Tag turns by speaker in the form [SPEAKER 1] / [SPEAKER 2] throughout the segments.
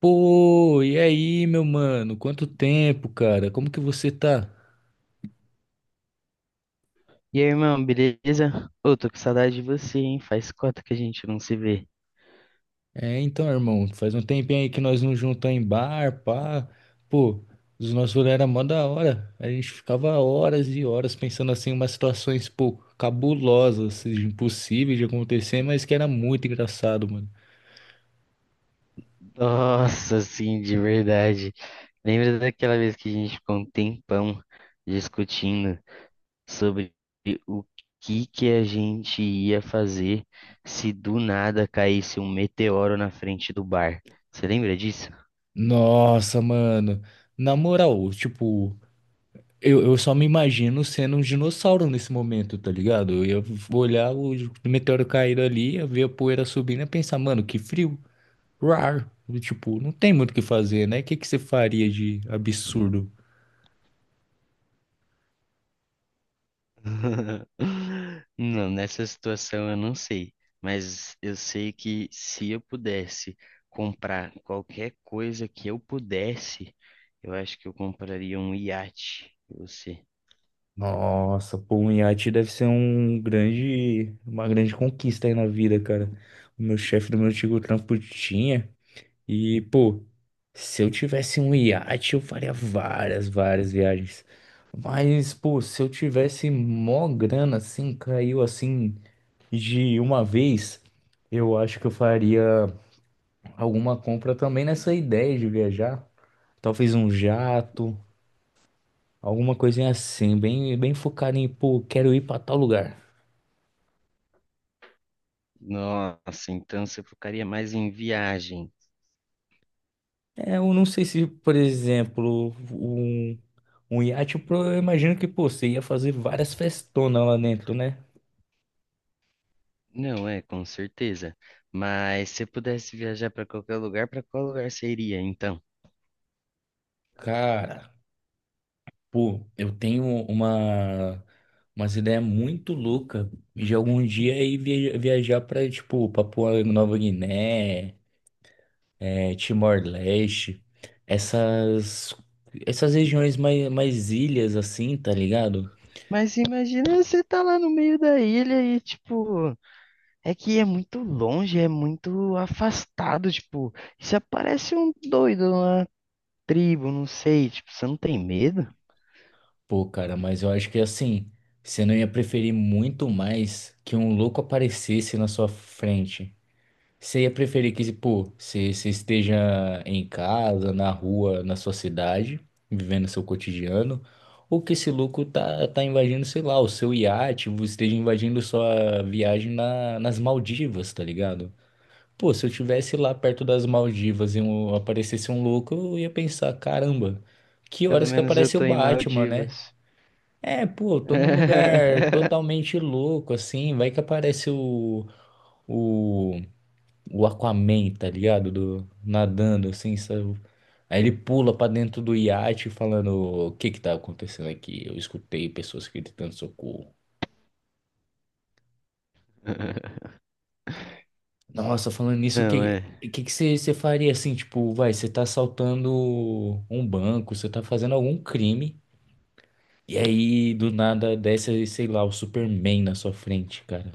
[SPEAKER 1] Pô, e aí, meu mano? Quanto tempo, cara? Como que você tá?
[SPEAKER 2] E aí, irmão, beleza? Ô, tô com saudade de você, hein? Faz cota que a gente não se vê.
[SPEAKER 1] É, então, irmão, faz um tempinho aí que nós não juntamos em bar, pá. Pô, os nossos rolês eram mó da hora. A gente ficava horas e horas pensando assim, umas situações, pô, cabulosas, assim, impossíveis de acontecer, mas que era muito engraçado, mano.
[SPEAKER 2] Nossa, sim, de verdade. Lembra daquela vez que a gente ficou um tempão discutindo sobre o que que a gente ia fazer se do nada caísse um meteoro na frente do bar. Você lembra disso?
[SPEAKER 1] Nossa, mano. Na moral, tipo. Eu só me imagino sendo um dinossauro nesse momento, tá ligado? Eu ia olhar o meteoro cair ali, ia ver a poeira subindo e pensar, mano, que frio. Rar. Tipo, não tem muito o que fazer, né? O que que você faria de absurdo?
[SPEAKER 2] Não, nessa situação eu não sei, mas eu sei que se eu pudesse comprar qualquer coisa que eu pudesse, eu acho que eu compraria um iate. E você?
[SPEAKER 1] Nossa, pô, um iate deve ser um grande, uma grande conquista aí na vida, cara. O meu chefe do meu antigo trampo tinha. E, pô, se eu tivesse um iate, eu faria várias, várias viagens. Mas, pô, se eu tivesse mó grana assim, caiu assim de uma vez, eu acho que eu faria alguma compra também nessa ideia de viajar. Talvez um jato, alguma coisinha assim, bem, bem focado em, pô, quero ir pra tal lugar.
[SPEAKER 2] Nossa, então você focaria mais em viagem.
[SPEAKER 1] É, eu não sei se, por exemplo, um iate, eu imagino que, pô, você ia fazer várias festonas lá dentro, né?
[SPEAKER 2] Não, é, com certeza. Mas se pudesse viajar para qualquer lugar, para qual lugar seria, então?
[SPEAKER 1] Cara, pô, eu tenho umas ideias muito louca de algum dia ir viajar pra, tipo Papua Nova Guiné, é, Timor-Leste, essas essas regiões mais ilhas assim, tá ligado?
[SPEAKER 2] Mas imagina você tá lá no meio da ilha e, tipo, é que é muito longe, é muito afastado, tipo, e se aparece um doido, uma tribo, não sei, tipo, você não tem medo?
[SPEAKER 1] Pô, cara, mas eu acho que assim, você não ia preferir muito mais que um louco aparecesse na sua frente. Você ia preferir que, pô, você esteja em casa, na rua, na sua cidade, vivendo seu cotidiano, ou que esse louco tá invadindo, sei lá, o seu iate, você esteja invadindo sua viagem nas Maldivas, tá ligado? Pô, se eu tivesse lá perto das Maldivas e aparecesse um louco, eu ia pensar, caramba, que
[SPEAKER 2] Pelo
[SPEAKER 1] horas que
[SPEAKER 2] menos eu
[SPEAKER 1] aparece o
[SPEAKER 2] tô em
[SPEAKER 1] Batman, né?
[SPEAKER 2] Maldivas.
[SPEAKER 1] É, pô, eu tô num lugar totalmente louco, assim, vai que aparece o o Aquaman, tá ligado? Nadando, assim, sabe? Aí ele pula pra dentro do iate falando o que que tá acontecendo aqui. Eu escutei pessoas gritando socorro. Nossa, falando nisso, o
[SPEAKER 2] Não,
[SPEAKER 1] que
[SPEAKER 2] é.
[SPEAKER 1] o que que você faria assim? Tipo, vai, você tá assaltando um banco, você tá fazendo algum crime, e aí do nada desce, sei lá, o Superman na sua frente, cara.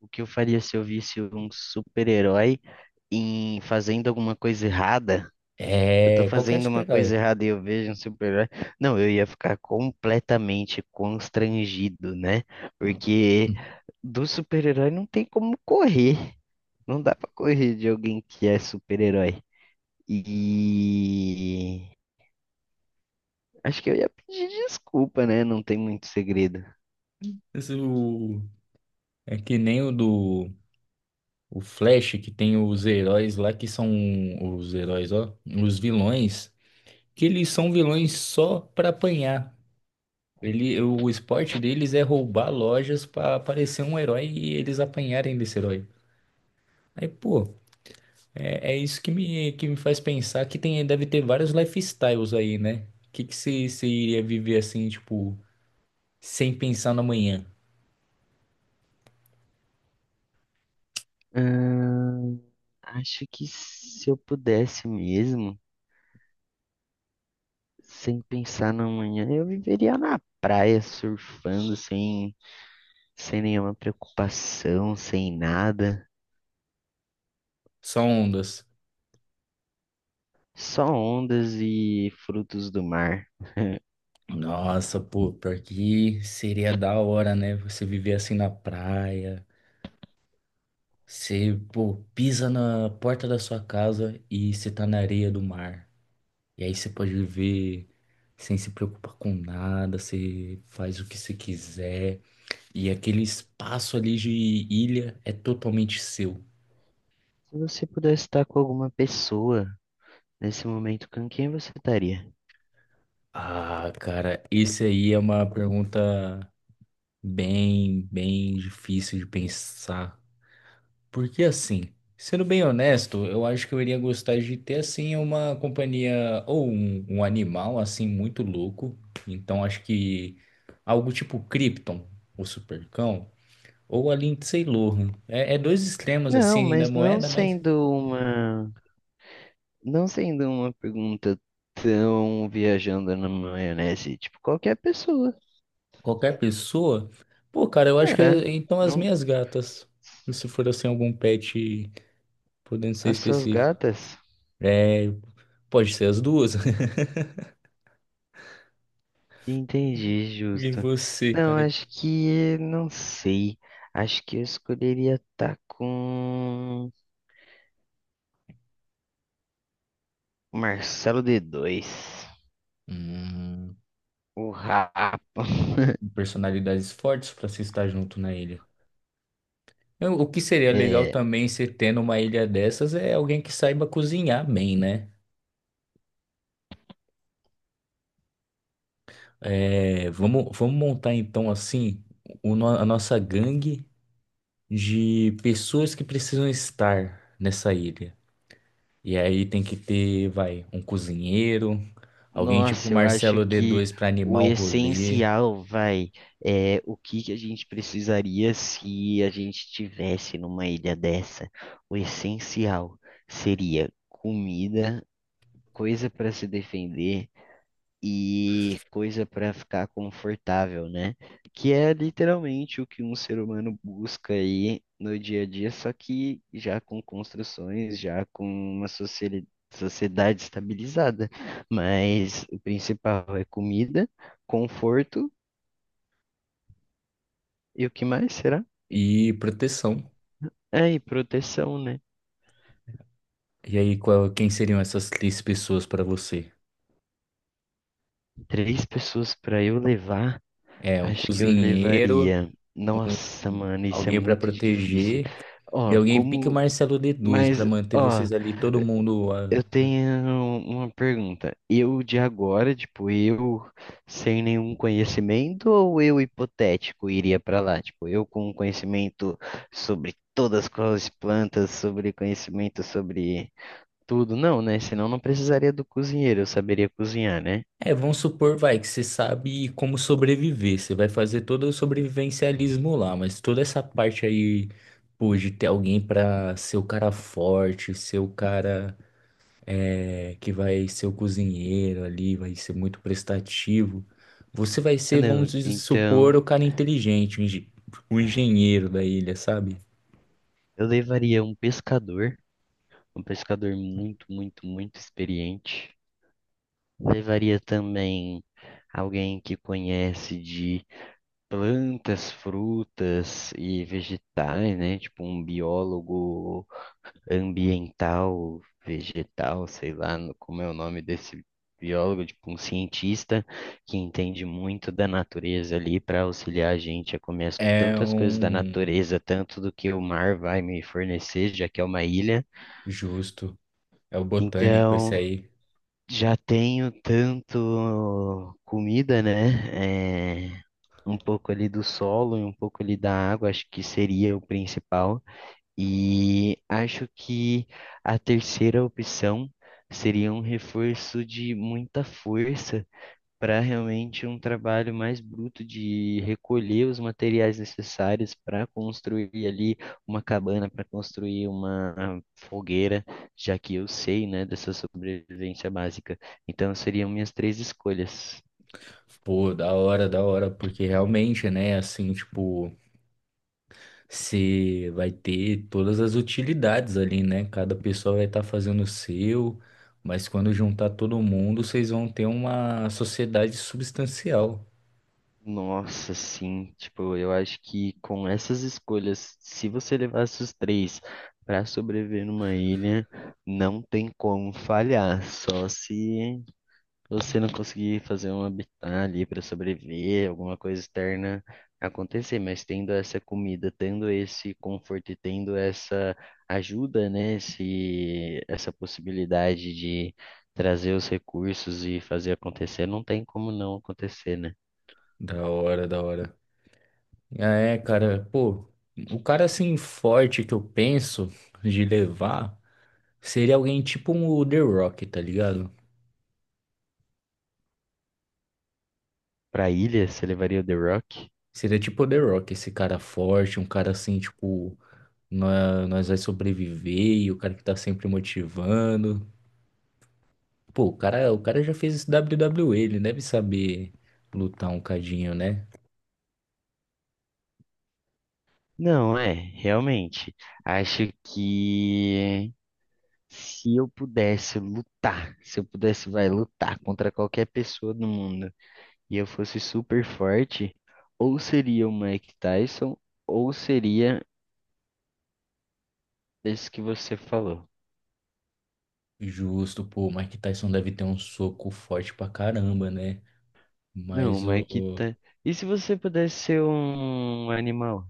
[SPEAKER 2] O que eu faria se eu visse um super-herói em fazendo alguma coisa errada? Eu tô
[SPEAKER 1] É, qualquer
[SPEAKER 2] fazendo uma
[SPEAKER 1] super-herói.
[SPEAKER 2] coisa errada e eu vejo um super-herói. Não, eu ia ficar completamente constrangido, né? Porque do super-herói não tem como correr. Não dá pra correr de alguém que é super-herói. E acho que eu ia pedir desculpa, né? Não tem muito segredo.
[SPEAKER 1] Esse, o- É que nem O Flash, que tem os heróis lá, que são os heróis, ó, os vilões, que eles são vilões só pra apanhar. Ele, o esporte deles é roubar lojas pra aparecer um herói e eles apanharem desse herói. Aí, pô, é isso que que me faz pensar que tem, deve ter vários lifestyles aí, né? O que que você iria viver assim, tipo, sem pensar no amanhã?
[SPEAKER 2] Ahn, acho que se eu pudesse mesmo, sem pensar na manhã, eu viveria na praia surfando sem nenhuma preocupação, sem nada.
[SPEAKER 1] Só ondas.
[SPEAKER 2] Só ondas e frutos do mar.
[SPEAKER 1] Nossa, pô, pior que seria da hora, né? Você viver assim na praia. Você, pô, pisa na porta da sua casa e você tá na areia do mar. E aí você pode viver sem se preocupar com nada, você faz o que você quiser. E aquele espaço ali de ilha é totalmente seu.
[SPEAKER 2] Se você pudesse estar com alguma pessoa nesse momento, com quem você estaria?
[SPEAKER 1] Ah, cara, esse aí é uma pergunta bem, bem difícil de pensar. Porque assim, sendo bem honesto, eu acho que eu iria gostar de ter assim uma companhia ou um animal assim muito louco. Então acho que algo tipo Krypton, o Supercão, ou a Lindsay Lohan. É dois extremos
[SPEAKER 2] Não,
[SPEAKER 1] assim da
[SPEAKER 2] mas não
[SPEAKER 1] moeda, mas
[SPEAKER 2] sendo uma, não sendo uma pergunta tão viajando na maionese, tipo qualquer pessoa.
[SPEAKER 1] qualquer pessoa. Pô, cara, eu acho que
[SPEAKER 2] É,
[SPEAKER 1] então as
[SPEAKER 2] não,
[SPEAKER 1] minhas gatas, se for assim algum pet, podendo ser
[SPEAKER 2] as suas
[SPEAKER 1] específico.
[SPEAKER 2] gatas?
[SPEAKER 1] É, pode ser as duas.
[SPEAKER 2] Entendi,
[SPEAKER 1] E
[SPEAKER 2] justo.
[SPEAKER 1] você,
[SPEAKER 2] Não,
[SPEAKER 1] cara?
[SPEAKER 2] acho que não sei. Acho que eu escolheria estar com Marcelo D2,
[SPEAKER 1] Hum.
[SPEAKER 2] o Rapa.
[SPEAKER 1] Personalidades fortes para se estar junto na ilha. O que seria legal
[SPEAKER 2] É,
[SPEAKER 1] também se tendo uma ilha dessas é alguém que saiba cozinhar bem, né? É, vamos montar então assim o no- a nossa gangue de pessoas que precisam estar nessa ilha. E aí tem que ter, vai, um cozinheiro, alguém tipo
[SPEAKER 2] nossa, eu acho
[SPEAKER 1] Marcelo
[SPEAKER 2] que
[SPEAKER 1] D2 para
[SPEAKER 2] o
[SPEAKER 1] animar o rolê
[SPEAKER 2] essencial vai é o que que a gente precisaria se a gente estivesse numa ilha dessa. O essencial seria comida, coisa para se defender e coisa para ficar confortável, né? Que é literalmente o que um ser humano busca aí no dia a dia, só que já com construções, já com uma sociedade estabilizada. Mas o principal é comida, conforto e o que mais será?
[SPEAKER 1] e proteção.
[SPEAKER 2] É, e proteção, né?
[SPEAKER 1] E aí, quem seriam essas três pessoas para você?
[SPEAKER 2] Três pessoas para eu levar,
[SPEAKER 1] É, um
[SPEAKER 2] acho que eu
[SPEAKER 1] cozinheiro.
[SPEAKER 2] levaria. Nossa,
[SPEAKER 1] um-
[SPEAKER 2] mano, isso é
[SPEAKER 1] Alguém para
[SPEAKER 2] muito difícil.
[SPEAKER 1] proteger e
[SPEAKER 2] Ó,
[SPEAKER 1] alguém pique o
[SPEAKER 2] como.
[SPEAKER 1] Marcelo D2 para
[SPEAKER 2] Mas,
[SPEAKER 1] manter
[SPEAKER 2] ó,
[SPEAKER 1] vocês ali, todo mundo,
[SPEAKER 2] eu
[SPEAKER 1] né?
[SPEAKER 2] tenho uma pergunta. Eu de agora, tipo, eu sem nenhum conhecimento ou eu hipotético iria pra lá? Tipo, eu com conhecimento sobre todas as plantas, sobre conhecimento sobre tudo. Não, né? Senão não precisaria do cozinheiro, eu saberia cozinhar, né?
[SPEAKER 1] É, vamos supor, vai, que você sabe como sobreviver. Você vai fazer todo o sobrevivencialismo lá, mas toda essa parte aí, pô, de ter alguém para ser o cara forte, ser o cara que vai ser o cozinheiro ali, vai ser muito prestativo. Você vai
[SPEAKER 2] Ah,
[SPEAKER 1] ser,
[SPEAKER 2] não.
[SPEAKER 1] vamos dizer, supor,
[SPEAKER 2] Então,
[SPEAKER 1] o cara inteligente, o engenheiro da ilha, sabe?
[SPEAKER 2] eu levaria um pescador muito, muito, muito experiente. Levaria também alguém que conhece plantas, frutas e vegetais, né? Tipo um biólogo ambiental, vegetal, sei lá como é o nome desse biólogo, tipo um cientista que entende muito da natureza ali para auxiliar a gente a comer
[SPEAKER 1] É
[SPEAKER 2] tantas coisas da
[SPEAKER 1] um.
[SPEAKER 2] natureza, tanto do que o mar vai me fornecer, já que é uma ilha.
[SPEAKER 1] Justo. É o botânico esse
[SPEAKER 2] Então,
[SPEAKER 1] aí.
[SPEAKER 2] já tenho tanto comida, né? É, um pouco ali do solo e um pouco ali da água, acho que seria o principal. E acho que a terceira opção seria um reforço de muita força para realmente um trabalho mais bruto de recolher os materiais necessários para construir ali uma cabana, para construir uma fogueira, já que eu sei, né, dessa sobrevivência básica. Então seriam minhas três escolhas.
[SPEAKER 1] Pô, da hora, porque realmente, né, assim, tipo, você vai ter todas as utilidades ali, né? Cada pessoa vai estar fazendo o seu, mas quando juntar todo mundo, vocês vão ter uma sociedade substancial.
[SPEAKER 2] Nossa, sim, tipo, eu acho que com essas escolhas, se você levasse os três para sobreviver numa ilha, não tem como falhar, só se você não conseguir fazer um habitat ali para sobreviver, alguma coisa externa acontecer, mas tendo essa comida, tendo esse conforto e tendo essa ajuda, né, essa possibilidade de trazer os recursos e fazer acontecer, não tem como não acontecer, né?
[SPEAKER 1] Da hora, da hora. Ah, é, cara, pô, o cara assim forte que eu penso de levar seria alguém tipo um The Rock, tá ligado?
[SPEAKER 2] Para ilha, você levaria o The Rock?
[SPEAKER 1] Seria tipo The Rock, esse cara forte, um cara assim, tipo, nós vai sobreviver, e o cara que tá sempre motivando. Pô, o cara já fez esse WWE, ele deve saber lutar um cadinho, né?
[SPEAKER 2] Não, é, realmente. Acho que se eu pudesse lutar, se eu pudesse, vai, lutar contra qualquer pessoa do mundo, e eu fosse super forte, ou seria o Mike Tyson, ou seria esse que você falou.
[SPEAKER 1] Justo, pô, o Mike Tyson deve ter um soco forte pra caramba, né?
[SPEAKER 2] Não, o
[SPEAKER 1] Mas
[SPEAKER 2] Mike Tyson. E se você pudesse ser um animal?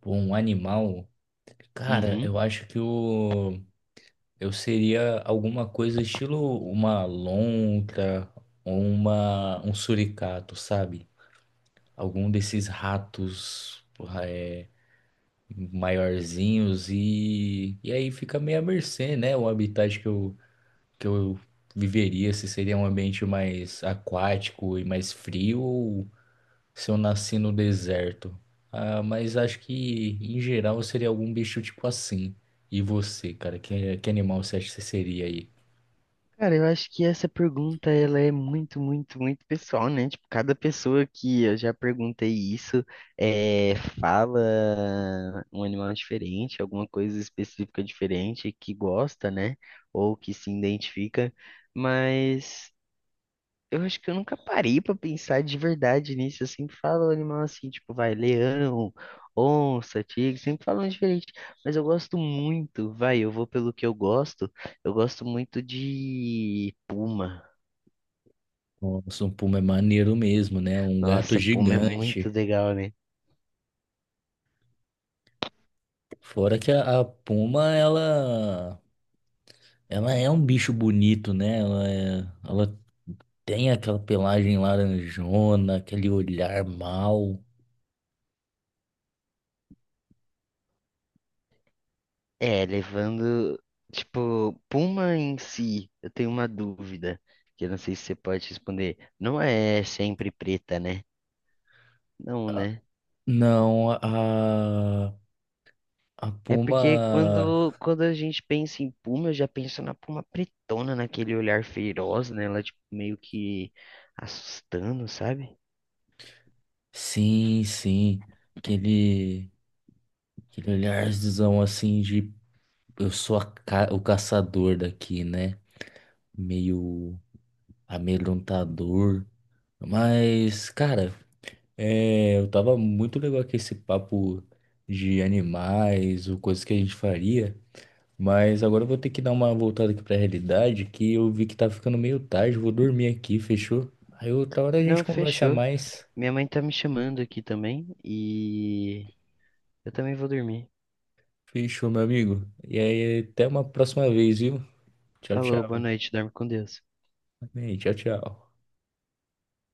[SPEAKER 1] pô, um animal, cara,
[SPEAKER 2] Uhum.
[SPEAKER 1] eu acho que o eu seria alguma coisa estilo uma lontra, uma um suricato, sabe? Algum desses ratos porra, maiorzinhos e aí fica meio à mercê, né? O habitat que que eu viveria, se seria um ambiente mais aquático e mais frio ou se eu nasci no deserto. Ah, mas acho que em geral eu seria algum bicho tipo assim. E você, cara, que animal você acha que você seria aí?
[SPEAKER 2] Cara, eu acho que essa pergunta ela é muito, muito, muito pessoal, né? Tipo, cada pessoa que eu já perguntei isso é, fala um animal diferente, alguma coisa específica diferente que gosta, né? Ou que se identifica. Mas eu acho que eu nunca parei pra pensar de verdade nisso. Eu sempre falo animal assim, tipo, vai, leão, onça, tigre, sempre falam diferente. Mas eu gosto muito, vai, eu vou pelo que eu gosto. Eu gosto muito de puma.
[SPEAKER 1] Nossa, um puma é maneiro mesmo, né? Um gato
[SPEAKER 2] Nossa, puma é muito
[SPEAKER 1] gigante.
[SPEAKER 2] legal, né?
[SPEAKER 1] Fora que a puma, ela ela é um bicho bonito, né? Ela tem aquela pelagem laranjona, aquele olhar mau.
[SPEAKER 2] É, levando, tipo, puma em si, eu tenho uma dúvida, que eu não sei se você pode responder. Não é sempre preta, né? Não, né?
[SPEAKER 1] Não, a
[SPEAKER 2] É porque
[SPEAKER 1] Puma.
[SPEAKER 2] quando a gente pensa em Puma, eu já penso na Puma pretona, naquele olhar feroz, né? Ela, tipo, meio que assustando, sabe?
[SPEAKER 1] Sim, sim. Aquele, aquele olharzão assim de eu sou o caçador daqui, né? Meio amedrontador. Mas, cara, eu tava muito legal com esse papo de animais, ou coisas que a gente faria. Mas agora eu vou ter que dar uma voltada aqui pra realidade, que eu vi que tá ficando meio tarde, vou dormir aqui, fechou? Aí outra hora a gente
[SPEAKER 2] Não,
[SPEAKER 1] conversa
[SPEAKER 2] fechou.
[SPEAKER 1] mais.
[SPEAKER 2] Minha mãe tá me chamando aqui também e eu também vou dormir.
[SPEAKER 1] Fechou, meu amigo? E aí, até uma próxima vez, viu? Tchau,
[SPEAKER 2] Falou, boa
[SPEAKER 1] tchau.
[SPEAKER 2] noite, dorme com Deus.
[SPEAKER 1] Amém, tchau, tchau.